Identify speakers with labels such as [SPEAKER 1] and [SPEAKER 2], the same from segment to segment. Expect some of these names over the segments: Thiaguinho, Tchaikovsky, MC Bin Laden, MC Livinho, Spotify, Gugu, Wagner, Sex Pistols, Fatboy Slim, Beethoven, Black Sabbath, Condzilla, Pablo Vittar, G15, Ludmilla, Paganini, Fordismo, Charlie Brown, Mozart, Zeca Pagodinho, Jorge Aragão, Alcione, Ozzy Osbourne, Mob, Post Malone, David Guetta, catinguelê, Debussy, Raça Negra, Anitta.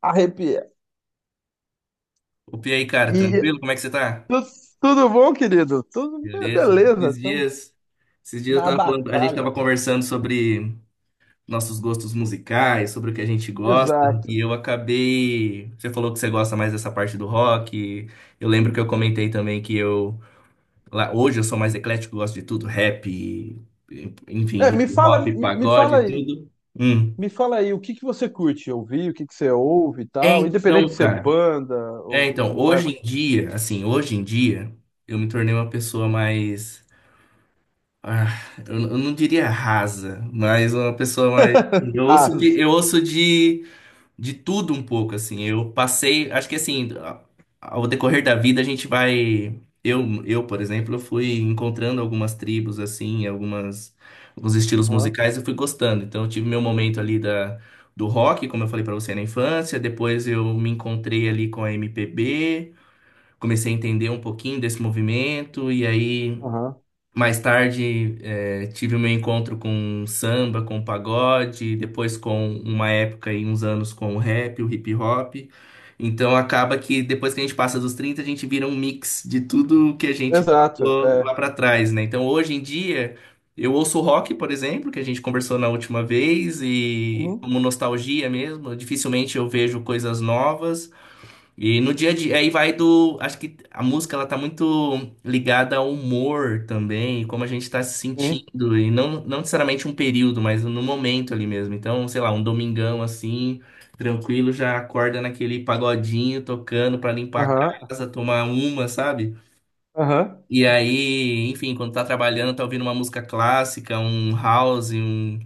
[SPEAKER 1] Arrepia.
[SPEAKER 2] Opa, e aí, cara,
[SPEAKER 1] E
[SPEAKER 2] tranquilo? Como é que você tá?
[SPEAKER 1] tu- tudo bom, querido? Tudo
[SPEAKER 2] Beleza.
[SPEAKER 1] beleza,
[SPEAKER 2] Esses
[SPEAKER 1] estamos
[SPEAKER 2] dias, esses dias eu
[SPEAKER 1] na
[SPEAKER 2] tava falando, a gente
[SPEAKER 1] batalha.
[SPEAKER 2] tava conversando sobre nossos gostos musicais, sobre o que a gente gosta, e
[SPEAKER 1] Exato.
[SPEAKER 2] eu acabei, você falou que você gosta mais dessa parte do rock. Eu lembro que eu comentei também que eu lá hoje eu sou mais eclético, gosto de tudo, rap, enfim,
[SPEAKER 1] É,
[SPEAKER 2] hip hop, pagode, tudo. Hum.
[SPEAKER 1] me fala aí, o que que você curte ouvir, o que que você ouve e
[SPEAKER 2] É,
[SPEAKER 1] tal, independente
[SPEAKER 2] então,
[SPEAKER 1] de ser
[SPEAKER 2] cara,
[SPEAKER 1] banda ou mais
[SPEAKER 2] hoje em dia, eu me tornei uma pessoa mais. Ah, eu não diria rasa, mas uma pessoa mais, assim. Eu ouço
[SPEAKER 1] raso.
[SPEAKER 2] de, eu ouço de, de tudo um pouco, assim. Eu passei. Acho que assim, ao decorrer da vida a gente vai. Eu, por exemplo, eu fui encontrando algumas tribos, assim, alguns estilos
[SPEAKER 1] Aham,
[SPEAKER 2] musicais e fui gostando. Então eu tive meu momento ali do rock, como eu falei pra você na infância. Depois eu me encontrei ali com a MPB, comecei a entender um pouquinho desse movimento, e aí.
[SPEAKER 1] aham.
[SPEAKER 2] Mais tarde, tive o meu encontro com samba, com pagode, depois com uma época e uns anos com o rap, o hip hop. Então acaba que depois que a gente passa dos 30 a gente vira um mix de tudo que a gente
[SPEAKER 1] Exato,
[SPEAKER 2] passou lá
[SPEAKER 1] é.
[SPEAKER 2] pra trás, né? Então hoje em dia, eu ouço rock, por exemplo, que a gente conversou na última vez, e
[SPEAKER 1] Uhum,
[SPEAKER 2] como nostalgia mesmo, dificilmente eu vejo coisas novas. E no dia a dia, aí vai do. Acho que a música ela tá muito ligada ao humor também, como a gente tá se
[SPEAKER 1] sim.
[SPEAKER 2] sentindo, e não, não necessariamente um período, mas no momento ali mesmo. Então, sei lá, um domingão assim, tranquilo, já acorda naquele pagodinho tocando pra limpar a
[SPEAKER 1] Aham,
[SPEAKER 2] casa, tomar uma, sabe?
[SPEAKER 1] aham,
[SPEAKER 2] E aí, enfim, quando tá trabalhando, tá ouvindo uma música clássica, um house, um.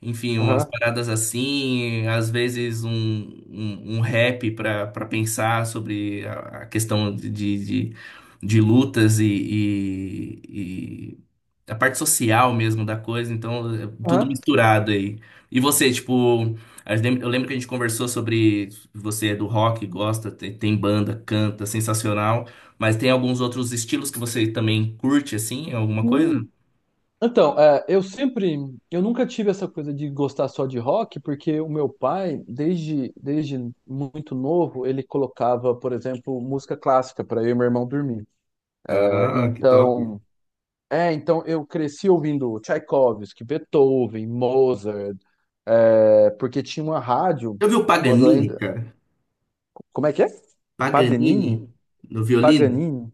[SPEAKER 2] Enfim, umas
[SPEAKER 1] aham,
[SPEAKER 2] paradas assim, às vezes um rap para pensar sobre a questão de de lutas e a parte social mesmo da coisa, então é tudo
[SPEAKER 1] aham.
[SPEAKER 2] misturado aí. E você, tipo, eu lembro que a gente conversou sobre você é do rock, gosta, tem banda, canta, sensacional, mas tem alguns outros estilos que você também curte, assim, alguma coisa?
[SPEAKER 1] Sim. Então, é, eu nunca tive essa coisa de gostar só de rock, porque o meu pai, desde muito novo, ele colocava, por exemplo, música clássica para eu e meu irmão dormir. É.
[SPEAKER 2] Ah, que top.
[SPEAKER 1] Então eu cresci ouvindo Tchaikovsky, Beethoven, Mozart, porque tinha uma rádio
[SPEAKER 2] Já viu o
[SPEAKER 1] quando
[SPEAKER 2] Paganini,
[SPEAKER 1] ainda,
[SPEAKER 2] cara?
[SPEAKER 1] como é que é?
[SPEAKER 2] Paganini
[SPEAKER 1] Paganini?
[SPEAKER 2] no violino?
[SPEAKER 1] Paganini?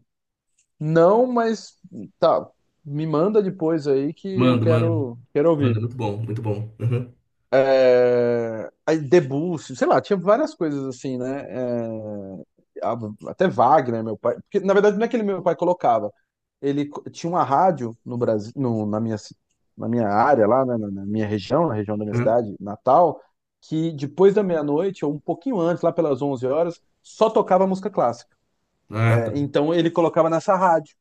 [SPEAKER 1] Não, mas tá, me manda depois aí que eu
[SPEAKER 2] Mando, mando,
[SPEAKER 1] quero
[SPEAKER 2] mando.
[SPEAKER 1] ouvir.
[SPEAKER 2] Muito bom, muito bom. Uhum,
[SPEAKER 1] é, Debussy, sei lá, tinha várias coisas assim, né? É, a- até Wagner, meu pai. Porque, na verdade, não é que ele, meu pai colocava. Ele tinha uma rádio no Brasil, na minha área lá, né, na minha região, na região da minha
[SPEAKER 2] uhum.
[SPEAKER 1] cidade, Natal, que depois da meia-noite, ou um pouquinho antes, lá pelas 11 horas, só tocava música clássica.
[SPEAKER 2] Ah, tá.
[SPEAKER 1] É. Então ele colocava nessa rádio,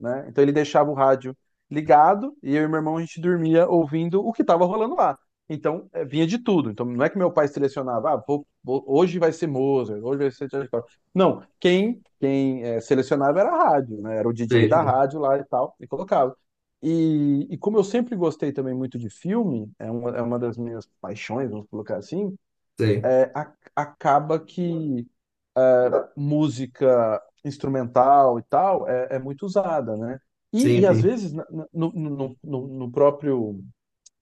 [SPEAKER 1] né? Então ele deixava o rádio ligado e eu e meu irmão a gente dormia ouvindo o que estava rolando lá. Então vinha de tudo. Então não é que meu pai selecionava, ah, hoje vai ser Mozart, hoje vai ser Charlie Brown. Não, quem selecionava era a rádio, né? Era o DJ
[SPEAKER 2] Sei,
[SPEAKER 1] da
[SPEAKER 2] sei,
[SPEAKER 1] rádio lá e tal e colocava. E como eu sempre gostei também muito de filme, é uma das minhas paixões, vamos colocar assim,
[SPEAKER 2] sei.
[SPEAKER 1] acaba que é, música instrumental e tal é muito usada, né? E
[SPEAKER 2] Sim,
[SPEAKER 1] às
[SPEAKER 2] sim.
[SPEAKER 1] vezes no próprio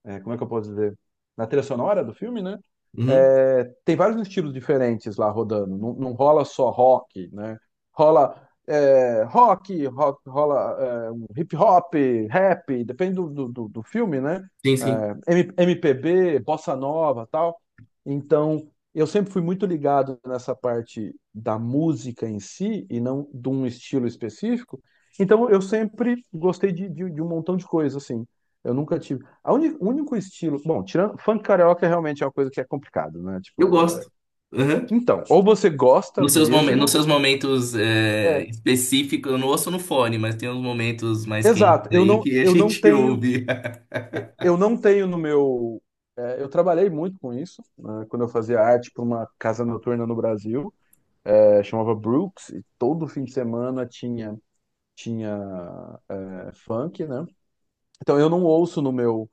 [SPEAKER 1] como é que eu posso dizer? Na trilha sonora do filme, né?
[SPEAKER 2] Uhum.
[SPEAKER 1] É, tem vários estilos diferentes lá rodando. Não, não rola só rock, né? Rola rock, um hip hop, rap, depende do filme, né?
[SPEAKER 2] Sim, sim.
[SPEAKER 1] É, MPB, bossa nova, tal. Então, eu sempre fui muito ligado nessa parte da música em si e não de um estilo específico. Então, eu sempre gostei de um montão de coisa, assim. Eu nunca tive o único estilo. Bom, tirando. Funk carioca realmente é uma coisa que é complicado, né?
[SPEAKER 2] Eu
[SPEAKER 1] Tipo, é.
[SPEAKER 2] gosto. Uhum.
[SPEAKER 1] Então, ou você gosta
[SPEAKER 2] Nos seus momentos, nos
[SPEAKER 1] mesmo.
[SPEAKER 2] seus momentos é,
[SPEAKER 1] É.
[SPEAKER 2] específicos, eu não ouço no fone, mas tem uns momentos mais quentes
[SPEAKER 1] Exato. Eu
[SPEAKER 2] aí
[SPEAKER 1] não,
[SPEAKER 2] que a
[SPEAKER 1] eu não
[SPEAKER 2] gente
[SPEAKER 1] tenho.
[SPEAKER 2] ouve.
[SPEAKER 1] Eu não tenho no meu. Eu trabalhei muito com isso, né, quando eu fazia arte para uma casa noturna no Brasil, chamava Brooks, e todo fim de semana tinha funk, né? Então eu não ouço no meu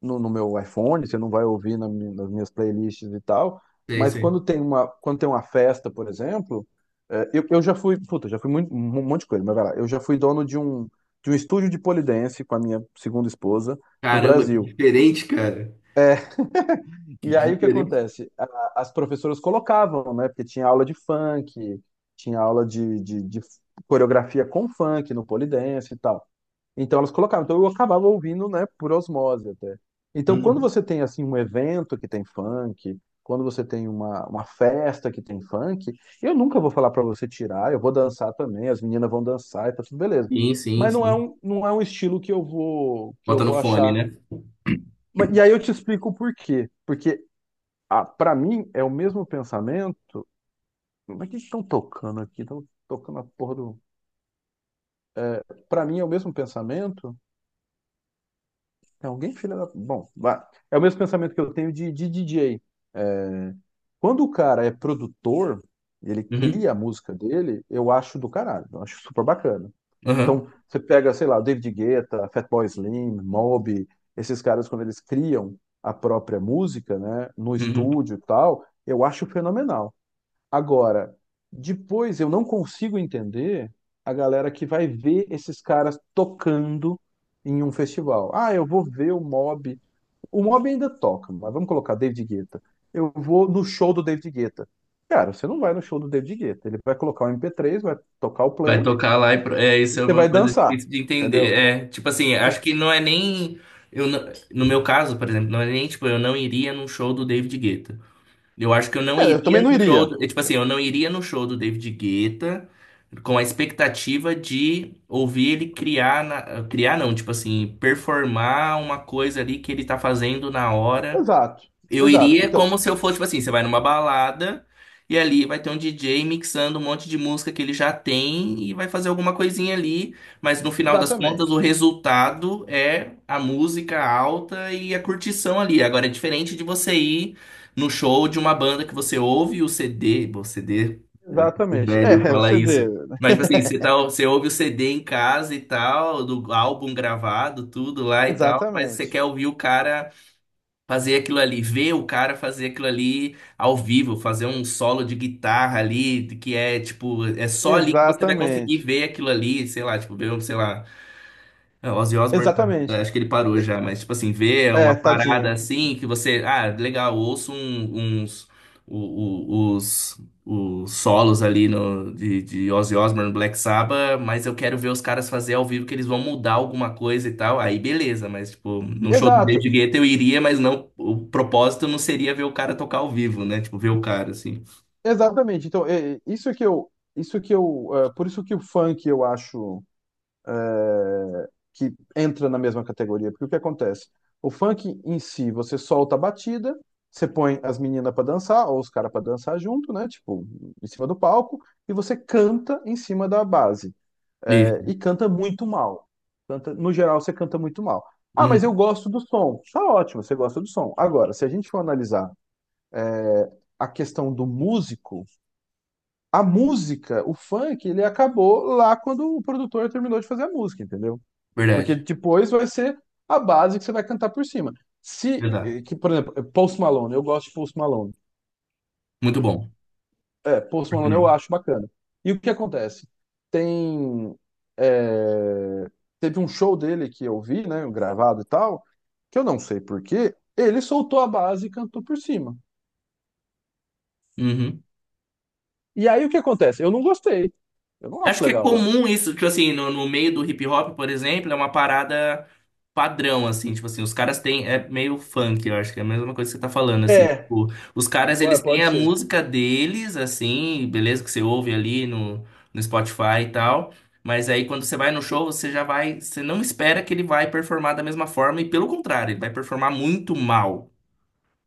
[SPEAKER 1] no meu iPhone, você não vai ouvir nas minhas playlists e tal.
[SPEAKER 2] Sei,
[SPEAKER 1] Mas
[SPEAKER 2] sei.
[SPEAKER 1] quando tem uma festa, por exemplo, eu já fui, puta, já fui muito, um monte de coisa, mas vai lá. Eu já fui dono de um estúdio de pole dance com a minha segunda esposa no
[SPEAKER 2] Caramba, que
[SPEAKER 1] Brasil.
[SPEAKER 2] diferente, cara. Que
[SPEAKER 1] E aí o que
[SPEAKER 2] diferente.
[SPEAKER 1] acontece? As professoras colocavam, né? Porque tinha aula de funk, tinha aula de coreografia com funk no pole dance e tal. Então elas colocavam. Então eu acabava ouvindo, né, por osmose até. Então quando
[SPEAKER 2] Uhum.
[SPEAKER 1] você tem assim um evento que tem funk, quando você tem uma festa que tem funk, eu nunca vou falar para você tirar, eu vou dançar também, as meninas vão dançar e tá tudo beleza.
[SPEAKER 2] Sim, sim,
[SPEAKER 1] Mas não é
[SPEAKER 2] sim.
[SPEAKER 1] um, não é um estilo que eu vou que eu
[SPEAKER 2] Bota no
[SPEAKER 1] vou
[SPEAKER 2] fone,
[SPEAKER 1] achar.
[SPEAKER 2] né?
[SPEAKER 1] Mas- E aí eu te explico o porquê. Porque, ah, para mim é o mesmo pensamento. Mas é que eles estão tocando aqui? Estão tocando a porra do. Para mim é o mesmo pensamento. É alguém filha da. Bom, vai. É o mesmo pensamento que eu tenho de DJ. É, quando o cara é produtor, ele
[SPEAKER 2] Uhum.
[SPEAKER 1] cria a música dele, eu acho do caralho, eu acho super bacana.
[SPEAKER 2] Uhum.
[SPEAKER 1] Então, você pega, sei lá, o David Guetta, Fatboy Slim, Mob, esses caras, quando eles criam a própria música, né, no
[SPEAKER 2] Uhum.
[SPEAKER 1] estúdio e tal, eu acho fenomenal. Agora, depois eu não consigo entender a galera que vai ver esses caras tocando em um festival. Ah, eu vou ver o Mob, o Mob ainda toca, mas vamos colocar David Guetta. Eu vou no show do David Guetta. Cara, você não vai no show do David Guetta. Ele vai colocar o MP3, vai tocar o
[SPEAKER 2] Vai
[SPEAKER 1] play
[SPEAKER 2] tocar lá e
[SPEAKER 1] e
[SPEAKER 2] é
[SPEAKER 1] e
[SPEAKER 2] isso é
[SPEAKER 1] você vai
[SPEAKER 2] uma coisa
[SPEAKER 1] dançar,
[SPEAKER 2] difícil de entender.
[SPEAKER 1] entendeu?
[SPEAKER 2] É, tipo assim,
[SPEAKER 1] Então,
[SPEAKER 2] acho que não é nem eu não- no meu caso, por exemplo, não é nem tipo eu não iria num show do David Guetta. Eu acho que eu não
[SPEAKER 1] é, eu também
[SPEAKER 2] iria
[SPEAKER 1] não
[SPEAKER 2] no show,
[SPEAKER 1] iria.
[SPEAKER 2] é, tipo assim, eu não iria no show do David Guetta com a expectativa de ouvir ele criar criar não, tipo assim, performar uma coisa ali que ele tá fazendo na hora.
[SPEAKER 1] Exato,
[SPEAKER 2] Eu
[SPEAKER 1] exato.
[SPEAKER 2] iria
[SPEAKER 1] Então,
[SPEAKER 2] como se eu fosse, tipo assim, você vai numa balada e ali vai ter um DJ mixando um monte de música que ele já tem e vai fazer alguma coisinha ali, mas no final das contas o
[SPEAKER 1] exatamente.
[SPEAKER 2] resultado é a música alta e a curtição ali. Agora é diferente de você ir no show de uma banda que você ouve o CD, bom, CD, o
[SPEAKER 1] Exatamente.
[SPEAKER 2] velho
[SPEAKER 1] É, é o
[SPEAKER 2] fala
[SPEAKER 1] CD,
[SPEAKER 2] isso.
[SPEAKER 1] né?
[SPEAKER 2] Mas tipo assim, você, tá, você ouve o CD em casa e tal, do álbum gravado, tudo lá e tal, mas você
[SPEAKER 1] Exatamente.
[SPEAKER 2] quer ouvir o cara fazer aquilo ali, ver o cara fazer aquilo ali ao vivo, fazer um solo de guitarra ali, que é tipo, é só ali que você vai conseguir
[SPEAKER 1] Exatamente.
[SPEAKER 2] ver aquilo ali, sei lá, tipo, ver, um, sei lá, o Ozzy Osbourne, tá,
[SPEAKER 1] Exatamente.
[SPEAKER 2] acho que ele parou já, mas, tipo assim, ver uma
[SPEAKER 1] É,
[SPEAKER 2] parada
[SPEAKER 1] tadinho.
[SPEAKER 2] assim que você. Ah, legal, ouço uns. Os solos ali no, de Ozzy Osbourne, Black Sabbath, mas eu quero ver os caras fazer ao vivo que eles vão mudar alguma coisa e tal. Aí beleza, mas, tipo, num show do
[SPEAKER 1] Exato,
[SPEAKER 2] David Guetta eu iria, mas não. O propósito não seria ver o cara tocar ao vivo, né? Tipo, ver o cara, assim.
[SPEAKER 1] exatamente. Então, é, é, por isso que o funk eu acho que entra na mesma categoria. Porque o que acontece? O funk em si, você solta a batida, você põe as meninas para dançar, ou os caras para dançar junto, né? Tipo, em cima do palco, e você canta em cima da base.
[SPEAKER 2] E,
[SPEAKER 1] É, e canta muito mal. Canta, no geral, você canta muito mal. Ah, mas eu
[SPEAKER 2] hum,
[SPEAKER 1] gosto do som. Tá ótimo, você gosta do som. Agora, se a gente for analisar, é, a questão do músico, a música, o funk, ele acabou lá quando o produtor terminou de fazer a música, entendeu? Porque
[SPEAKER 2] verdade,
[SPEAKER 1] depois vai ser a base que você vai cantar por cima. Se,
[SPEAKER 2] verdade.
[SPEAKER 1] eh, que, por exemplo, Post Malone, eu gosto de Post Malone.
[SPEAKER 2] Muito
[SPEAKER 1] Ui.
[SPEAKER 2] bom.
[SPEAKER 1] É, Post
[SPEAKER 2] Por que
[SPEAKER 1] Malone eu
[SPEAKER 2] não?
[SPEAKER 1] acho bacana. E o que acontece? Tem. eh, Teve um show dele que eu vi, né, gravado e tal, que eu não sei por quê, ele soltou a base e cantou por cima.
[SPEAKER 2] Uhum.
[SPEAKER 1] E aí o que acontece? Eu não gostei. Eu não
[SPEAKER 2] Acho
[SPEAKER 1] acho
[SPEAKER 2] que é
[SPEAKER 1] legal isso.
[SPEAKER 2] comum isso, tipo assim, no meio do hip hop, por exemplo, é uma parada padrão, assim, tipo assim, os caras têm, é meio funk, eu acho que é a mesma coisa que você tá falando, assim,
[SPEAKER 1] É,
[SPEAKER 2] tipo, os caras, eles têm
[SPEAKER 1] pode
[SPEAKER 2] a
[SPEAKER 1] ser.
[SPEAKER 2] música deles, assim, beleza, que você ouve ali no Spotify e tal, mas aí quando você vai no show, você já vai, você não espera que ele vai performar da mesma forma, e pelo contrário, ele vai performar muito mal,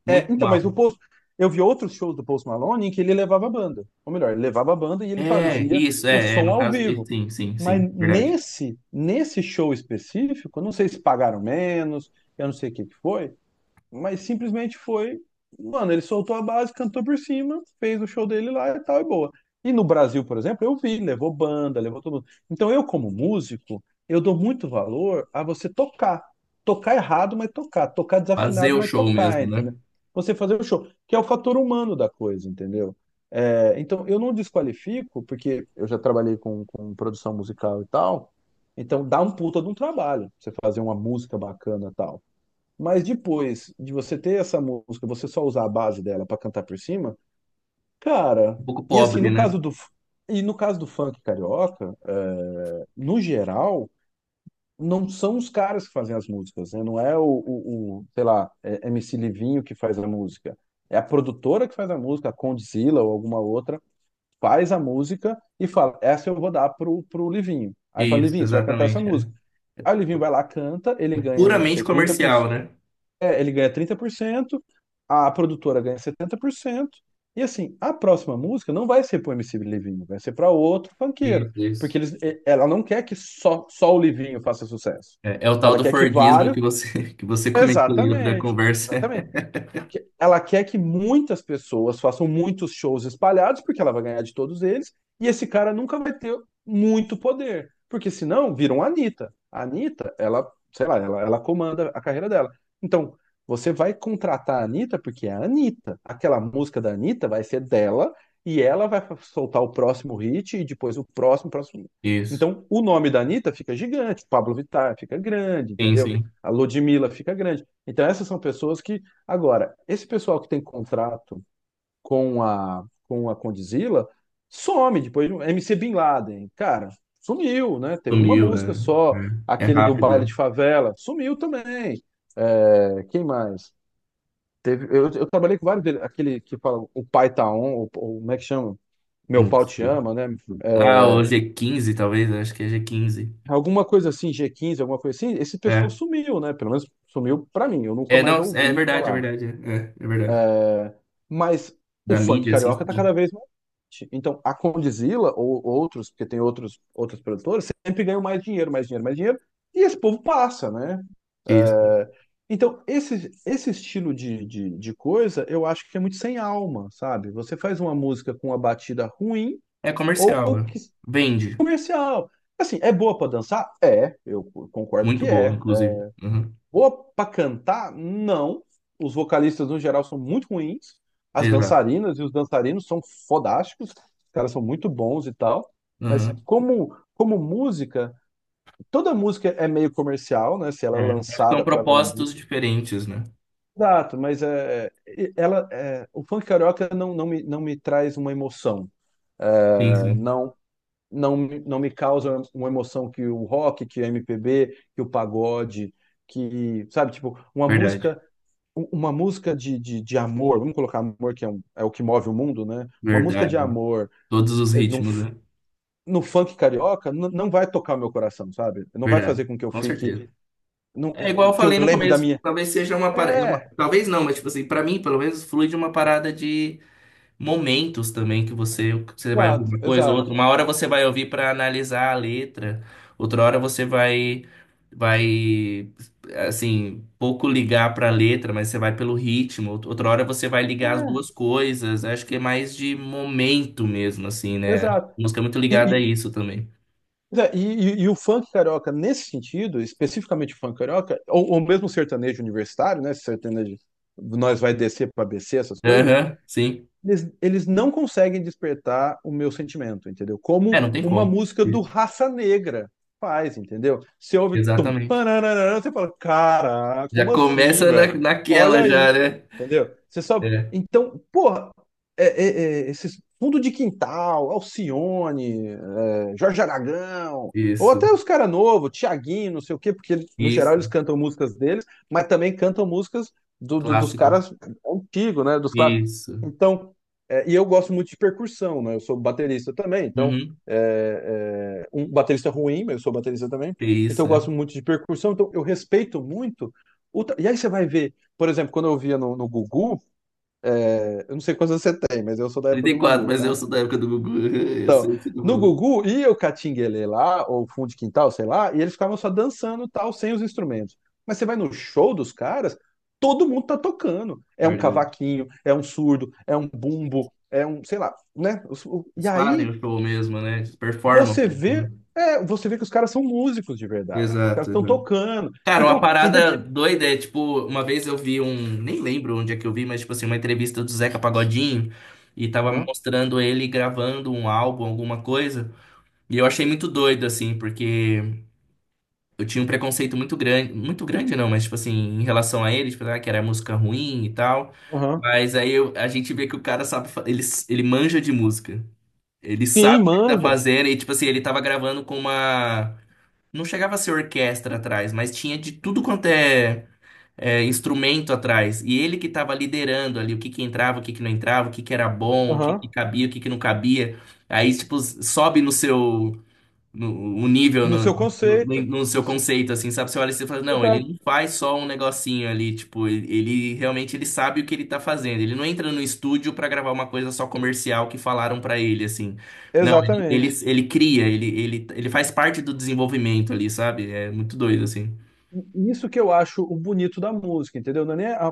[SPEAKER 2] muito
[SPEAKER 1] É, então,
[SPEAKER 2] mal.
[SPEAKER 1] mas o Post, eu vi outros shows do Post Malone em que ele levava a banda. Ou melhor, ele levava a banda e ele
[SPEAKER 2] É,
[SPEAKER 1] fazia
[SPEAKER 2] isso,
[SPEAKER 1] o
[SPEAKER 2] é, é,
[SPEAKER 1] som
[SPEAKER 2] no
[SPEAKER 1] ao
[SPEAKER 2] caso, é,
[SPEAKER 1] vivo.
[SPEAKER 2] sim, sim,
[SPEAKER 1] Mas
[SPEAKER 2] sim, verdade.
[SPEAKER 1] nesse show específico, eu não sei se pagaram menos, eu não sei o que que foi, mas simplesmente foi, mano, ele soltou a base, cantou por cima, fez o show dele lá e tal, e boa. E no Brasil, por exemplo, eu vi, levou banda, levou todo mundo. Então eu, como músico, eu dou muito valor a você tocar. Tocar errado, mas tocar. Tocar
[SPEAKER 2] Fazer
[SPEAKER 1] desafinado,
[SPEAKER 2] o
[SPEAKER 1] mas
[SPEAKER 2] show
[SPEAKER 1] tocar,
[SPEAKER 2] mesmo, né?
[SPEAKER 1] entendeu? Você fazer o show, que é o fator humano da coisa, entendeu? É, então eu não desqualifico, porque eu já trabalhei com produção musical e tal, então dá um puta de um trabalho você fazer uma música bacana e tal. Mas depois de você ter essa música, você só usar a base dela pra cantar por cima, cara.
[SPEAKER 2] Um pouco
[SPEAKER 1] E assim,
[SPEAKER 2] pobre, né?
[SPEAKER 1] no caso do funk carioca, no geral, não são os caras que fazem as músicas, né? Não é sei lá, é MC Livinho que faz a música. É a produtora que faz a música, a Condzilla ou alguma outra, faz a música e fala, essa eu vou dar pro Livinho. Aí fala,
[SPEAKER 2] Isso,
[SPEAKER 1] Livinho, você vai cantar essa
[SPEAKER 2] exatamente. É.
[SPEAKER 1] música. Aí o Livinho vai lá, canta, ele
[SPEAKER 2] É
[SPEAKER 1] ganha, não
[SPEAKER 2] puramente
[SPEAKER 1] sei, 30%,
[SPEAKER 2] comercial, né?
[SPEAKER 1] ele ganha 30%, a produtora ganha 70% e assim, a próxima música não vai ser pro MC Livinho, vai ser para outro funkeiro,
[SPEAKER 2] Isso,
[SPEAKER 1] porque
[SPEAKER 2] isso.
[SPEAKER 1] eles, ela não quer que só o Livinho faça sucesso.
[SPEAKER 2] É, é o tal
[SPEAKER 1] Ela
[SPEAKER 2] do
[SPEAKER 1] quer que
[SPEAKER 2] Fordismo
[SPEAKER 1] vários.
[SPEAKER 2] que você, que você comentou aí outra
[SPEAKER 1] Exatamente,
[SPEAKER 2] conversa.
[SPEAKER 1] exatamente ela quer que muitas pessoas façam muitos shows espalhados, porque ela vai ganhar de todos eles, e esse cara nunca vai ter muito poder, porque senão viram a Anitta. A Anitta, ela, sei lá, ela comanda a carreira dela. Então, você vai contratar a Anitta porque é a Anitta. Aquela música da Anitta vai ser dela, e ela vai soltar o próximo hit, e depois o próximo, próximo.
[SPEAKER 2] Isso.
[SPEAKER 1] Então, o nome da Anitta fica gigante, Pablo Vittar fica grande,
[SPEAKER 2] Sim,
[SPEAKER 1] entendeu?
[SPEAKER 2] sim.
[SPEAKER 1] A Ludmilla fica grande. Então, essas são pessoas que agora, esse pessoal que tem contrato com a Condzilla some depois. MC Bin Laden, cara, sumiu, né? Teve uma
[SPEAKER 2] Sumiu,
[SPEAKER 1] música
[SPEAKER 2] é,
[SPEAKER 1] só,
[SPEAKER 2] é é
[SPEAKER 1] aquele do
[SPEAKER 2] rápido,
[SPEAKER 1] baile
[SPEAKER 2] é.
[SPEAKER 1] de favela, sumiu também. É, quem mais? Teve, eu trabalhei com vários deles, aquele que fala o pai tá on, ou como é que chama? Meu
[SPEAKER 2] Não
[SPEAKER 1] pau te
[SPEAKER 2] sei.
[SPEAKER 1] ama, né?
[SPEAKER 2] Ah,
[SPEAKER 1] É,
[SPEAKER 2] o G15 talvez, acho que é G15.
[SPEAKER 1] alguma coisa assim, G15, alguma coisa assim. Esse pessoal
[SPEAKER 2] É.
[SPEAKER 1] sumiu, né? Pelo menos sumiu pra mim, eu nunca
[SPEAKER 2] É,
[SPEAKER 1] mais
[SPEAKER 2] não, é
[SPEAKER 1] ouvi
[SPEAKER 2] verdade, é
[SPEAKER 1] falar.
[SPEAKER 2] verdade. É, é é verdade.
[SPEAKER 1] Mas o
[SPEAKER 2] Da
[SPEAKER 1] funk
[SPEAKER 2] mídia, assim,
[SPEAKER 1] carioca tá
[SPEAKER 2] sim.
[SPEAKER 1] cada vez mais forte. Então, a Condizila ou outros, porque tem outros, outros produtores, sempre ganham mais dinheiro, mais dinheiro, mais dinheiro, e esse povo passa, né?
[SPEAKER 2] Isso.
[SPEAKER 1] É, então, esse estilo de coisa, eu acho que é muito sem alma, sabe? Você faz uma música com uma batida ruim
[SPEAKER 2] É
[SPEAKER 1] ou,
[SPEAKER 2] comercial, é. Vende.
[SPEAKER 1] comercial. Assim, é boa pra dançar? É, eu concordo que
[SPEAKER 2] Muito boa,
[SPEAKER 1] é.
[SPEAKER 2] inclusive. Uhum.
[SPEAKER 1] Boa pra cantar? Não. Os vocalistas, no geral, são muito ruins. As
[SPEAKER 2] Exato.
[SPEAKER 1] dançarinas e os dançarinos são fodásticos. Os caras são muito bons e tal. Mas
[SPEAKER 2] Uhum.
[SPEAKER 1] como música, toda música é meio comercial, né? Se ela é
[SPEAKER 2] É. Acho que são
[SPEAKER 1] lançada para vender.
[SPEAKER 2] propósitos diferentes, né?
[SPEAKER 1] Exato, mas o funk carioca não me traz uma emoção.
[SPEAKER 2] Sim,
[SPEAKER 1] É,
[SPEAKER 2] sim.
[SPEAKER 1] não me causa uma emoção que o rock, que o MPB, que o pagode, que, sabe, tipo, uma
[SPEAKER 2] Verdade,
[SPEAKER 1] música, uma música de amor, vamos colocar amor que é, é o que move o mundo, né? Uma música de
[SPEAKER 2] verdade.
[SPEAKER 1] amor,
[SPEAKER 2] Todos os
[SPEAKER 1] é, num,
[SPEAKER 2] ritmos,
[SPEAKER 1] f-
[SPEAKER 2] né?
[SPEAKER 1] no funk carioca não vai tocar o meu coração, sabe? Não vai fazer
[SPEAKER 2] Verdade,
[SPEAKER 1] com que eu
[SPEAKER 2] com
[SPEAKER 1] fique,
[SPEAKER 2] certeza. É igual
[SPEAKER 1] é,
[SPEAKER 2] eu
[SPEAKER 1] que eu
[SPEAKER 2] falei no
[SPEAKER 1] lembre da
[SPEAKER 2] começo,
[SPEAKER 1] minha.
[SPEAKER 2] talvez seja uma parada.
[SPEAKER 1] É,
[SPEAKER 2] Talvez não, mas tipo assim, pra mim, pelo menos, flui de uma parada de momentos também que você vai ouvir
[SPEAKER 1] exato,
[SPEAKER 2] uma coisa ou
[SPEAKER 1] exato.
[SPEAKER 2] outra. Uma hora você vai ouvir para analisar a letra, outra hora você vai assim, pouco ligar para a letra, mas você vai pelo ritmo. Outra hora você vai ligar as
[SPEAKER 1] É,
[SPEAKER 2] duas coisas. Acho que é mais de momento mesmo assim, né? A
[SPEAKER 1] exato.
[SPEAKER 2] música é muito
[SPEAKER 1] E,
[SPEAKER 2] ligada a
[SPEAKER 1] e,
[SPEAKER 2] isso também.
[SPEAKER 1] é, e, e o funk carioca, nesse sentido, especificamente o funk carioca, ou mesmo o sertanejo universitário, né? Esse sertanejo, nós vai descer para BC, essas coisas
[SPEAKER 2] Aham, sim.
[SPEAKER 1] eles não conseguem despertar o meu sentimento, entendeu?
[SPEAKER 2] É,
[SPEAKER 1] Como
[SPEAKER 2] não tem
[SPEAKER 1] uma
[SPEAKER 2] como.
[SPEAKER 1] música do
[SPEAKER 2] Isso,
[SPEAKER 1] Raça Negra faz, entendeu? Você ouve tum,
[SPEAKER 2] exatamente.
[SPEAKER 1] pananana, você fala, cara,
[SPEAKER 2] Já
[SPEAKER 1] como assim,
[SPEAKER 2] começa
[SPEAKER 1] velho?
[SPEAKER 2] naquela
[SPEAKER 1] Olha
[SPEAKER 2] já,
[SPEAKER 1] isso,
[SPEAKER 2] né?
[SPEAKER 1] entendeu? Você só.
[SPEAKER 2] É,
[SPEAKER 1] Então, porra, esses fundo de quintal, Alcione, Jorge Aragão, ou
[SPEAKER 2] isso.
[SPEAKER 1] até os cara novo, Thiaguinho, não sei o quê, porque no geral
[SPEAKER 2] Isso.
[SPEAKER 1] eles cantam músicas deles, mas também cantam músicas dos
[SPEAKER 2] Clássicos.
[SPEAKER 1] caras antigos, né? Dos clássicos.
[SPEAKER 2] Isso.
[SPEAKER 1] Então, é, e eu gosto muito de percussão, né? Eu sou baterista também, então,
[SPEAKER 2] Uhum.
[SPEAKER 1] um baterista ruim, mas eu sou baterista também.
[SPEAKER 2] Que
[SPEAKER 1] Então
[SPEAKER 2] isso,
[SPEAKER 1] eu
[SPEAKER 2] é?
[SPEAKER 1] gosto muito de percussão, então eu respeito muito. E aí você vai ver, por exemplo, quando eu via no Gugu, é, eu não sei quantos anos você tem, mas eu sou da época
[SPEAKER 2] trinta e
[SPEAKER 1] do
[SPEAKER 2] quatro
[SPEAKER 1] Gugu,
[SPEAKER 2] mas eu
[SPEAKER 1] tá?
[SPEAKER 2] sou da época do Gugu. Eu sei o que eu tô
[SPEAKER 1] No
[SPEAKER 2] falando.
[SPEAKER 1] Gugu ia o catinguelê lá, ou fundo de quintal, sei lá, e eles ficavam só dançando e tal, sem os instrumentos. Mas você vai no show dos caras, todo mundo tá tocando. É um
[SPEAKER 2] Verdade.
[SPEAKER 1] cavaquinho, é um surdo, é um bumbo, é um, sei lá, né? E
[SPEAKER 2] Eles fazem o
[SPEAKER 1] aí
[SPEAKER 2] show mesmo, né? Eles performam
[SPEAKER 1] você
[SPEAKER 2] mesmo,
[SPEAKER 1] vê,
[SPEAKER 2] né?
[SPEAKER 1] você vê que os caras são músicos de verdade. Os caras
[SPEAKER 2] Exato,
[SPEAKER 1] estão
[SPEAKER 2] exato.
[SPEAKER 1] tocando.
[SPEAKER 2] Cara, uma
[SPEAKER 1] Então, indep...
[SPEAKER 2] parada doida é, tipo, uma vez eu vi um, nem lembro onde é que eu vi, mas, tipo assim, uma entrevista do Zeca Pagodinho e tava
[SPEAKER 1] Aham,
[SPEAKER 2] mostrando ele gravando um álbum, alguma coisa, e eu achei muito doido, assim, porque eu tinha um preconceito muito grande não, mas tipo assim, em relação a ele, tipo, ah, que era música ruim e tal.
[SPEAKER 1] aham.
[SPEAKER 2] Mas aí a gente vê que o cara sabe, ele manja de música. Ele sabe
[SPEAKER 1] Sim,
[SPEAKER 2] o que ele tá
[SPEAKER 1] manja.
[SPEAKER 2] fazendo e tipo assim, ele tava gravando com uma não chegava a ser orquestra atrás, mas tinha de tudo quanto é, instrumento atrás. E ele que tava liderando ali o que que entrava, o que que não entrava, o que que era bom, o que que
[SPEAKER 1] Aham.
[SPEAKER 2] cabia, o que que não cabia. Aí tipo sobe no seu no, o nível
[SPEAKER 1] No seu conceito.
[SPEAKER 2] no seu
[SPEAKER 1] No seu...
[SPEAKER 2] conceito, assim, sabe? Você olha e você fala, não, ele
[SPEAKER 1] Exato.
[SPEAKER 2] não faz só um negocinho ali, tipo, ele realmente ele sabe o que ele tá fazendo. Ele não entra no estúdio pra gravar uma coisa só comercial que falaram pra ele, assim. Não, ele, ele,
[SPEAKER 1] Exatamente.
[SPEAKER 2] ele cria, ele faz parte do desenvolvimento ali, sabe? É muito doido, assim.
[SPEAKER 1] Isso que eu acho o bonito da música, entendeu? Não é nem a,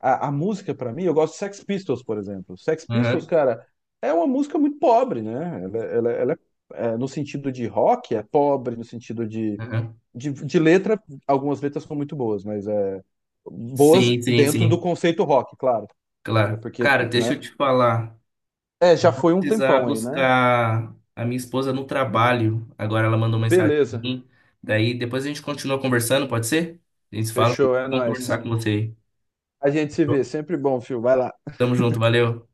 [SPEAKER 1] a música, pra mim, eu gosto de Sex Pistols, por exemplo. Sex Pistols,
[SPEAKER 2] Aham,
[SPEAKER 1] cara, é uma música muito pobre, né? Ela é, no sentido de rock, é pobre, no sentido de,
[SPEAKER 2] aham.
[SPEAKER 1] de letra, algumas letras são muito boas, mas é boas
[SPEAKER 2] Sim, sim,
[SPEAKER 1] dentro do
[SPEAKER 2] sim.
[SPEAKER 1] conceito rock, claro. É
[SPEAKER 2] Claro.
[SPEAKER 1] porque,
[SPEAKER 2] Cara, deixa
[SPEAKER 1] né?
[SPEAKER 2] eu te falar.
[SPEAKER 1] É, já
[SPEAKER 2] Vou
[SPEAKER 1] foi um
[SPEAKER 2] precisar
[SPEAKER 1] tempão aí, né?
[SPEAKER 2] buscar a minha esposa no trabalho. Agora ela mandou mensagem pra
[SPEAKER 1] Beleza,
[SPEAKER 2] mim. Daí depois a gente continua conversando, pode ser? A gente se fala, foi
[SPEAKER 1] fechou, é
[SPEAKER 2] bom conversar
[SPEAKER 1] nóis.
[SPEAKER 2] com você aí.
[SPEAKER 1] A gente se vê, sempre bom, Fio. Vai lá.
[SPEAKER 2] Tamo junto, valeu.